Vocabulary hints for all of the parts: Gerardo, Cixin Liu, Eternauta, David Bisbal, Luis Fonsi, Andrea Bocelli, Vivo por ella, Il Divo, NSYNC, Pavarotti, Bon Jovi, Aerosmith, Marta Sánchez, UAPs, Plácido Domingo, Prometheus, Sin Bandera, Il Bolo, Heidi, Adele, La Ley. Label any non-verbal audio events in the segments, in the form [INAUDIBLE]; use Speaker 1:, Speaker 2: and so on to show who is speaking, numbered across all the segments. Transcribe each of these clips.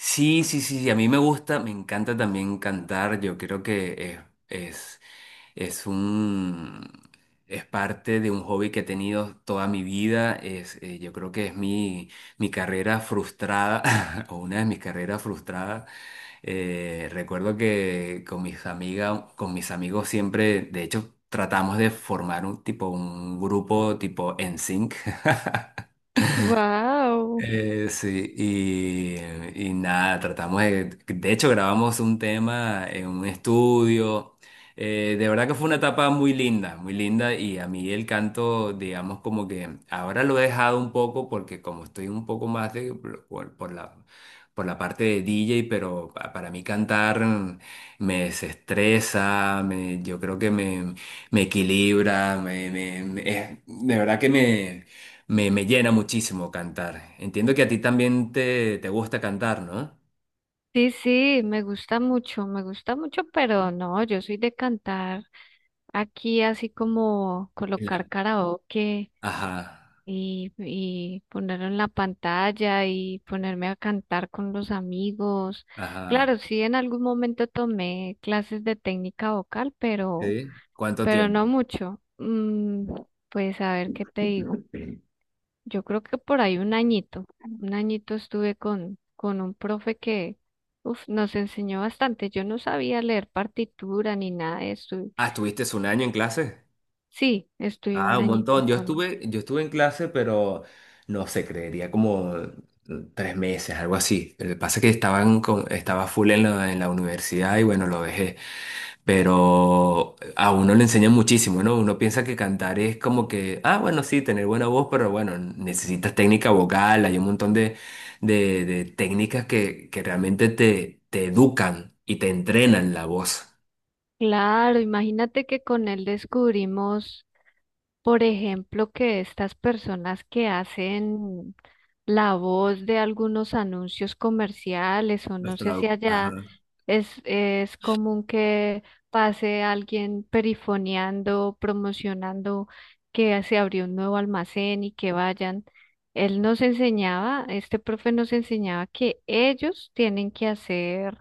Speaker 1: Sí, sí, sí, sí, a mí me gusta, me encanta también cantar, yo creo que es, es un, es parte de un hobby que he tenido toda mi vida, yo creo que es mi carrera frustrada, [LAUGHS] o una de mis carreras frustradas. Recuerdo que con mis amigas, con mis amigos siempre, de hecho, tratamos de formar un grupo tipo NSYNC [LAUGHS]
Speaker 2: Wow.
Speaker 1: Sí, y nada, de hecho grabamos un tema en un estudio. De verdad que fue una etapa muy linda, muy linda, y a mí el canto, digamos, como que ahora lo he dejado un poco porque como estoy un poco más de, por, por la, por la parte de DJ, pero para mí cantar me desestresa, yo creo que me equilibra, de verdad que me llena muchísimo cantar. Entiendo que a ti también te gusta cantar, ¿no?
Speaker 2: Sí, sí, me gusta mucho, pero no, yo soy de cantar aquí así como colocar
Speaker 1: La-
Speaker 2: karaoke
Speaker 1: Ajá,
Speaker 2: y, ponerlo en la pantalla y ponerme a cantar con los amigos.
Speaker 1: ajá.
Speaker 2: Claro, sí, en algún momento tomé clases de técnica vocal,
Speaker 1: ¿Sí? ¿Cuánto
Speaker 2: pero no
Speaker 1: tiempo?
Speaker 2: mucho. Pues a ver qué te digo. Yo creo que por ahí un añito estuve con un profe que uf, nos enseñó bastante. Yo no sabía leer partitura ni nada de eso. Y
Speaker 1: Ah, ¿estuviste un año en clase?
Speaker 2: sí, estuve
Speaker 1: Ah,
Speaker 2: un
Speaker 1: un
Speaker 2: añito
Speaker 1: montón.
Speaker 2: con él.
Speaker 1: Yo estuve en clase, pero no sé, creería como tres meses, algo así. Lo que pasa es que estaba full en en la universidad y bueno, lo dejé. Pero a uno le enseña muchísimo, ¿no? Uno piensa que cantar es como que, ah, bueno, sí, tener buena voz, pero bueno, necesitas técnica vocal, hay un montón de técnicas que realmente te educan y te entrenan la voz.
Speaker 2: Claro, imagínate que con él descubrimos, por ejemplo, que estas personas que hacen la voz de algunos anuncios comerciales o no sé si allá
Speaker 1: Ajá.
Speaker 2: es común que pase alguien perifoneando, promocionando que se abrió un nuevo almacén y que vayan. Él nos enseñaba, este profe nos enseñaba que ellos tienen que hacer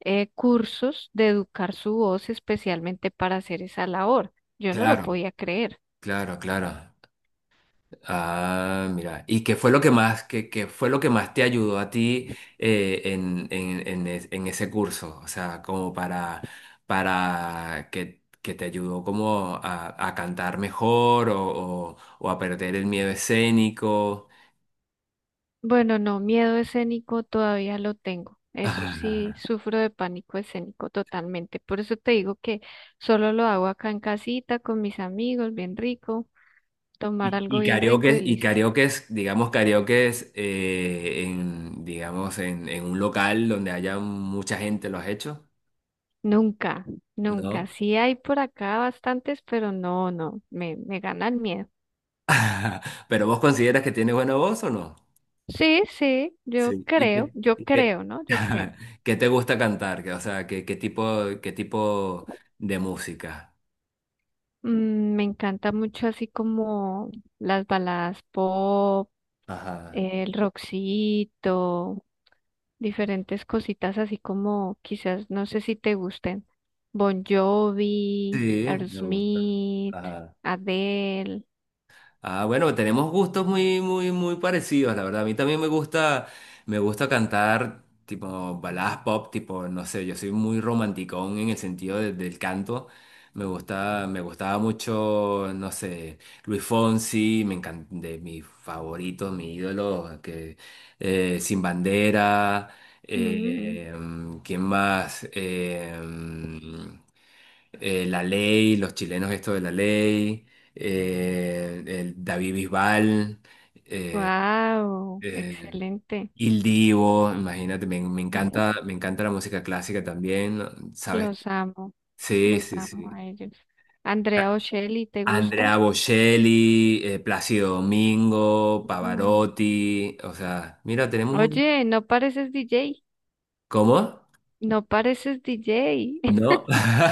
Speaker 2: cursos de educar su voz especialmente para hacer esa labor. Yo no lo
Speaker 1: Claro,
Speaker 2: podía creer.
Speaker 1: claro, claro. Ah, mira. ¿Y qué fue lo que más, qué fue lo que más te ayudó a ti en ese curso? O sea, como para, que te ayudó como a cantar mejor o, o a perder el miedo escénico.
Speaker 2: Bueno, no, miedo escénico todavía lo tengo.
Speaker 1: [LAUGHS]
Speaker 2: Eso sí,
Speaker 1: Ajá.
Speaker 2: sufro de pánico escénico totalmente. Por eso te digo que solo lo hago acá en casita con mis amigos, bien rico, tomar algo bien rico y
Speaker 1: Y
Speaker 2: listo.
Speaker 1: karaoke, digamos karaoke en, digamos, en un local donde haya mucha gente, ¿lo has hecho?
Speaker 2: Nunca,
Speaker 1: ¿No?
Speaker 2: nunca. Sí hay por acá bastantes, pero no, no, me gana el miedo.
Speaker 1: [LAUGHS] ¿Pero vos consideras que tienes buena voz o no?
Speaker 2: Sí, sí,
Speaker 1: Sí. ¿Y qué,
Speaker 2: yo creo, ¿no? Yo creo.
Speaker 1: [LAUGHS] qué te gusta cantar? Que, o sea, ¿qué, qué tipo de música?
Speaker 2: Mm, me encanta mucho así como las baladas pop,
Speaker 1: Ajá.
Speaker 2: el rockcito, diferentes cositas así como quizás, no sé si te gusten, Bon Jovi,
Speaker 1: Sí, me gusta.
Speaker 2: Aerosmith, Adele.
Speaker 1: Ah, bueno, tenemos gustos muy, muy, muy parecidos, la verdad. A mí también me gusta cantar tipo baladas pop, tipo, no sé, yo soy muy romanticón en el sentido del canto. Me gustaba mucho, no sé, Luis Fonsi, me encanta, de mis favoritos, mi ídolo, que Sin Bandera, eh, ¿quién más? La Ley, los chilenos esto de La Ley, el David Bisbal. eh,
Speaker 2: Wow,
Speaker 1: eh,
Speaker 2: excelente.
Speaker 1: Il Divo, imagínate,
Speaker 2: Ujú,
Speaker 1: me encanta la música clásica también, ¿no? ¿Sabes?
Speaker 2: los amo.
Speaker 1: Sí,
Speaker 2: Los
Speaker 1: sí,
Speaker 2: amo
Speaker 1: sí.
Speaker 2: a ellos. Andrea Ocelli, ¿te gusta?
Speaker 1: Andrea Bocelli, Plácido Domingo,
Speaker 2: Mm.
Speaker 1: Pavarotti, o sea, mira, tenemos un...
Speaker 2: Oye, no pareces DJ.
Speaker 1: ¿Cómo?
Speaker 2: No pareces DJ
Speaker 1: No,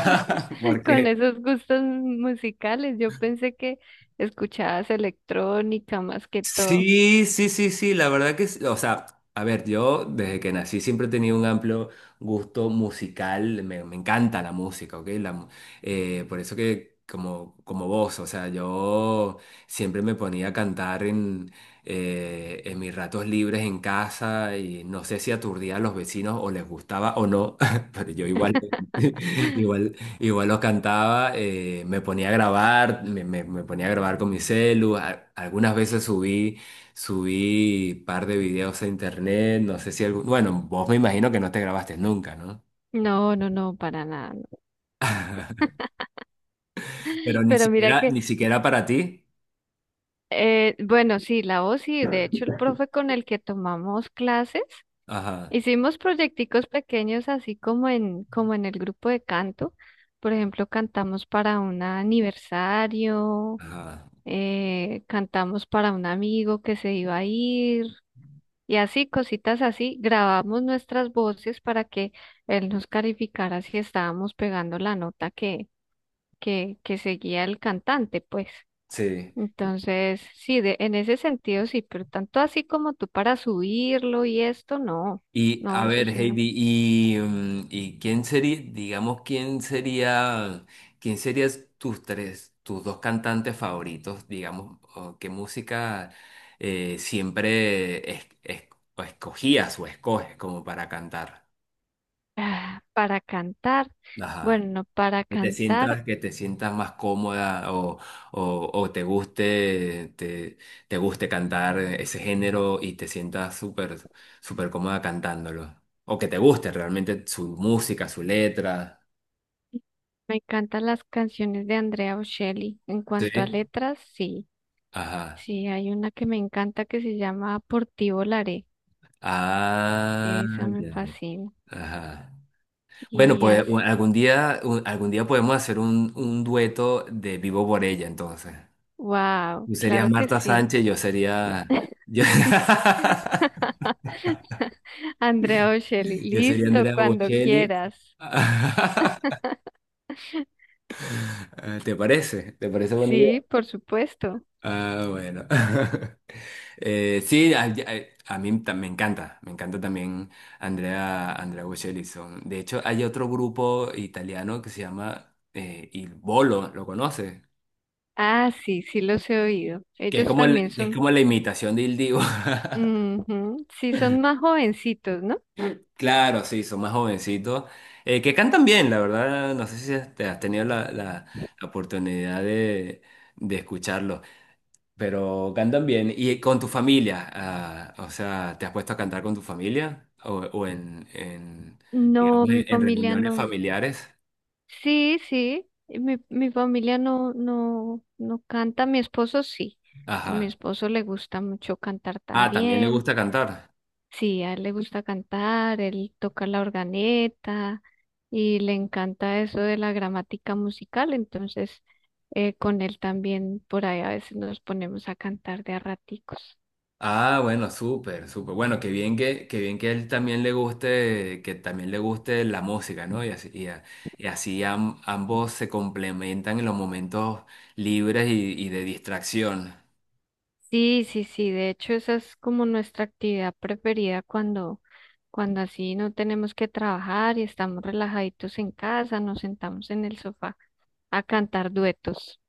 Speaker 1: [LAUGHS]
Speaker 2: [LAUGHS] con
Speaker 1: porque
Speaker 2: esos gustos musicales. Yo pensé que escuchabas electrónica más que todo.
Speaker 1: sí, sí, sí, sí, la verdad que, sí, o sea, a ver, yo desde que nací siempre he tenido un amplio gusto musical, me encanta la música, ¿ok? Por eso que como, como vos, o sea, yo siempre me ponía a cantar en mis ratos libres en casa y no sé si aturdía a los vecinos o les gustaba o no, [LAUGHS] pero yo igual, [LAUGHS] igual,
Speaker 2: [LAUGHS]
Speaker 1: igual los cantaba, me ponía a grabar, me ponía a grabar con mi celu. Algunas veces subí, subí par de videos a internet, no sé si algún, bueno, vos me imagino que no te grabaste nunca, ¿no?
Speaker 2: No, no, no, para nada. No.
Speaker 1: Pero ni
Speaker 2: Pero mira
Speaker 1: siquiera,
Speaker 2: que,
Speaker 1: ni siquiera para ti.
Speaker 2: bueno, sí, la voz, sí, de hecho el profe con el que tomamos clases
Speaker 1: Ajá,
Speaker 2: hicimos proyecticos pequeños así como en, como en el grupo de canto. Por ejemplo, cantamos para un aniversario,
Speaker 1: ajá.
Speaker 2: cantamos para un amigo que se iba a ir y así, cositas así. Grabamos nuestras voces para que él nos calificara si estábamos pegando la nota que, que seguía el cantante, pues.
Speaker 1: Sí.
Speaker 2: Entonces, sí, de, en ese sentido sí, pero tanto así como tú para subirlo y esto, no,
Speaker 1: Y a
Speaker 2: no, eso
Speaker 1: ver,
Speaker 2: sí no.
Speaker 1: Heidi, y quién sería, digamos, quién serías tus dos cantantes favoritos, digamos, o qué música eh, siempre es- es- o escogías o escoges como para cantar?
Speaker 2: Ah, para cantar,
Speaker 1: Ajá.
Speaker 2: bueno, para cantar
Speaker 1: Que te sientas más cómoda o, o te guste, te guste cantar ese género y te sientas súper, súper cómoda cantándolo. O que te guste realmente su música, su letra.
Speaker 2: me encantan las canciones de Andrea Bocelli. En
Speaker 1: Sí.
Speaker 2: cuanto a letras, sí,
Speaker 1: Ajá.
Speaker 2: sí, hay una que me encanta que se llama Por ti volaré.
Speaker 1: Ah,
Speaker 2: Esa me
Speaker 1: ya, ya.
Speaker 2: fascina.
Speaker 1: Ajá. Bueno,
Speaker 2: Y
Speaker 1: pues
Speaker 2: así,
Speaker 1: algún día, algún día podemos hacer un dueto de Vivo por ella, entonces.
Speaker 2: wow,
Speaker 1: Tú serías
Speaker 2: claro que
Speaker 1: Marta
Speaker 2: sí.
Speaker 1: Sánchez, yo sería.
Speaker 2: [LAUGHS]
Speaker 1: Yo... [LAUGHS]
Speaker 2: Andrea Bocelli,
Speaker 1: Yo sería
Speaker 2: listo,
Speaker 1: Andrea
Speaker 2: cuando
Speaker 1: Bocelli.
Speaker 2: quieras.
Speaker 1: [LAUGHS] ¿Te parece? ¿Te parece buena
Speaker 2: Sí,
Speaker 1: idea?
Speaker 2: por supuesto.
Speaker 1: Ah, bueno. [LAUGHS] Sí, a mí me encanta. Me encanta también Andrea Bocelli. De hecho, hay otro grupo italiano que se llama Il Bolo, ¿lo conoces?
Speaker 2: Ah, sí, sí los he oído.
Speaker 1: Que es
Speaker 2: Ellos
Speaker 1: como,
Speaker 2: también
Speaker 1: que es
Speaker 2: son,
Speaker 1: como la imitación de Il Divo. [LAUGHS]
Speaker 2: ujú, sí, son más jovencitos, ¿no?
Speaker 1: Claro, sí, son más jovencitos. Que cantan bien, la verdad. No sé si te has tenido la oportunidad de escucharlos. Pero cantan bien. ¿Y con tu familia? Ah, o sea, ¿te has puesto a cantar con tu familia? O digamos,
Speaker 2: No, mi
Speaker 1: en
Speaker 2: familia
Speaker 1: reuniones
Speaker 2: no.
Speaker 1: familiares?
Speaker 2: Sí, sí, y mi familia no, no, no canta, mi esposo sí, a mi
Speaker 1: Ajá.
Speaker 2: esposo le gusta mucho cantar
Speaker 1: Ah, también le
Speaker 2: también,
Speaker 1: gusta cantar.
Speaker 2: sí, a él le gusta cantar, él toca la organeta y le encanta eso de la gramática musical, entonces con él también por ahí a veces nos ponemos a cantar de a raticos.
Speaker 1: Ah, bueno, súper, súper. Bueno, qué bien que a él también le guste, que también le guste la música, ¿no? Y así, y así ambos se complementan en los momentos libres y de distracción.
Speaker 2: Sí, sí, sí, de hecho esa es como nuestra actividad preferida cuando, cuando así no tenemos que trabajar y estamos relajaditos en casa, nos sentamos en el sofá a cantar duetos.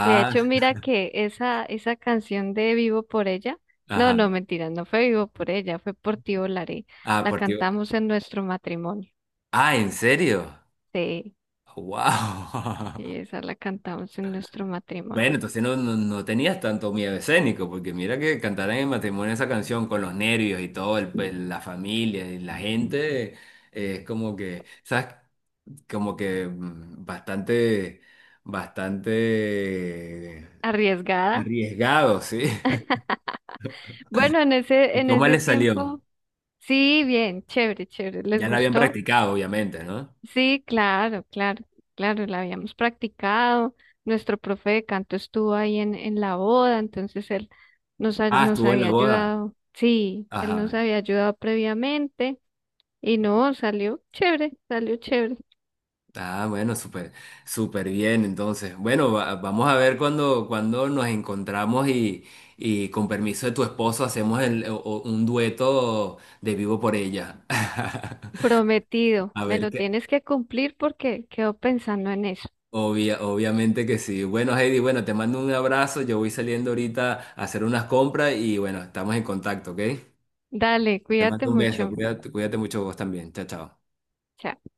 Speaker 2: De hecho, mira que esa canción de Vivo por ella, no,
Speaker 1: ajá.
Speaker 2: no, mentira, no fue Vivo por ella, fue Por ti volaré,
Speaker 1: Ah,
Speaker 2: la cantamos en nuestro matrimonio.
Speaker 1: ah, ¿en serio?
Speaker 2: Sí, sí,
Speaker 1: ¡Wow! [LAUGHS]
Speaker 2: esa la cantamos en nuestro
Speaker 1: Bueno,
Speaker 2: matrimonio.
Speaker 1: entonces no, no, no tenías tanto miedo escénico, porque mira que cantar en el matrimonio esa canción con los nervios y todo, el, pues, la familia y la gente, es como que, ¿sabes? Como que bastante, bastante
Speaker 2: Arriesgada.
Speaker 1: arriesgado, ¿sí? [LAUGHS]
Speaker 2: Bueno,
Speaker 1: ¿Y
Speaker 2: en
Speaker 1: cómo
Speaker 2: ese
Speaker 1: le salió?
Speaker 2: tiempo. Sí, bien, chévere, chévere. ¿Les
Speaker 1: Ya la habían
Speaker 2: gustó?
Speaker 1: practicado, obviamente, ¿no?
Speaker 2: Sí, claro, claro, claro, la habíamos practicado. Nuestro profe de canto estuvo ahí en la boda, entonces él
Speaker 1: Ah,
Speaker 2: nos
Speaker 1: estuvo en la
Speaker 2: había
Speaker 1: boda.
Speaker 2: ayudado. Sí, él nos
Speaker 1: Ajá.
Speaker 2: había ayudado previamente y no, salió chévere, salió chévere.
Speaker 1: Ah, bueno, súper, súper bien. Entonces, bueno, vamos a ver cuando, cuando nos encontramos y con permiso de tu esposo hacemos o un dueto de Vivo por ella. [LAUGHS]
Speaker 2: Prometido,
Speaker 1: A
Speaker 2: me
Speaker 1: ver
Speaker 2: lo
Speaker 1: qué.
Speaker 2: tienes que cumplir porque quedo pensando en eso.
Speaker 1: Obviamente que sí. Bueno, Heidi, bueno, te mando un abrazo. Yo voy saliendo ahorita a hacer unas compras y bueno, estamos en contacto, ¿ok?
Speaker 2: Dale,
Speaker 1: Te
Speaker 2: cuídate
Speaker 1: mando un beso.
Speaker 2: mucho.
Speaker 1: Cuídate, cuídate mucho vos también. Chao, chao.
Speaker 2: Chao.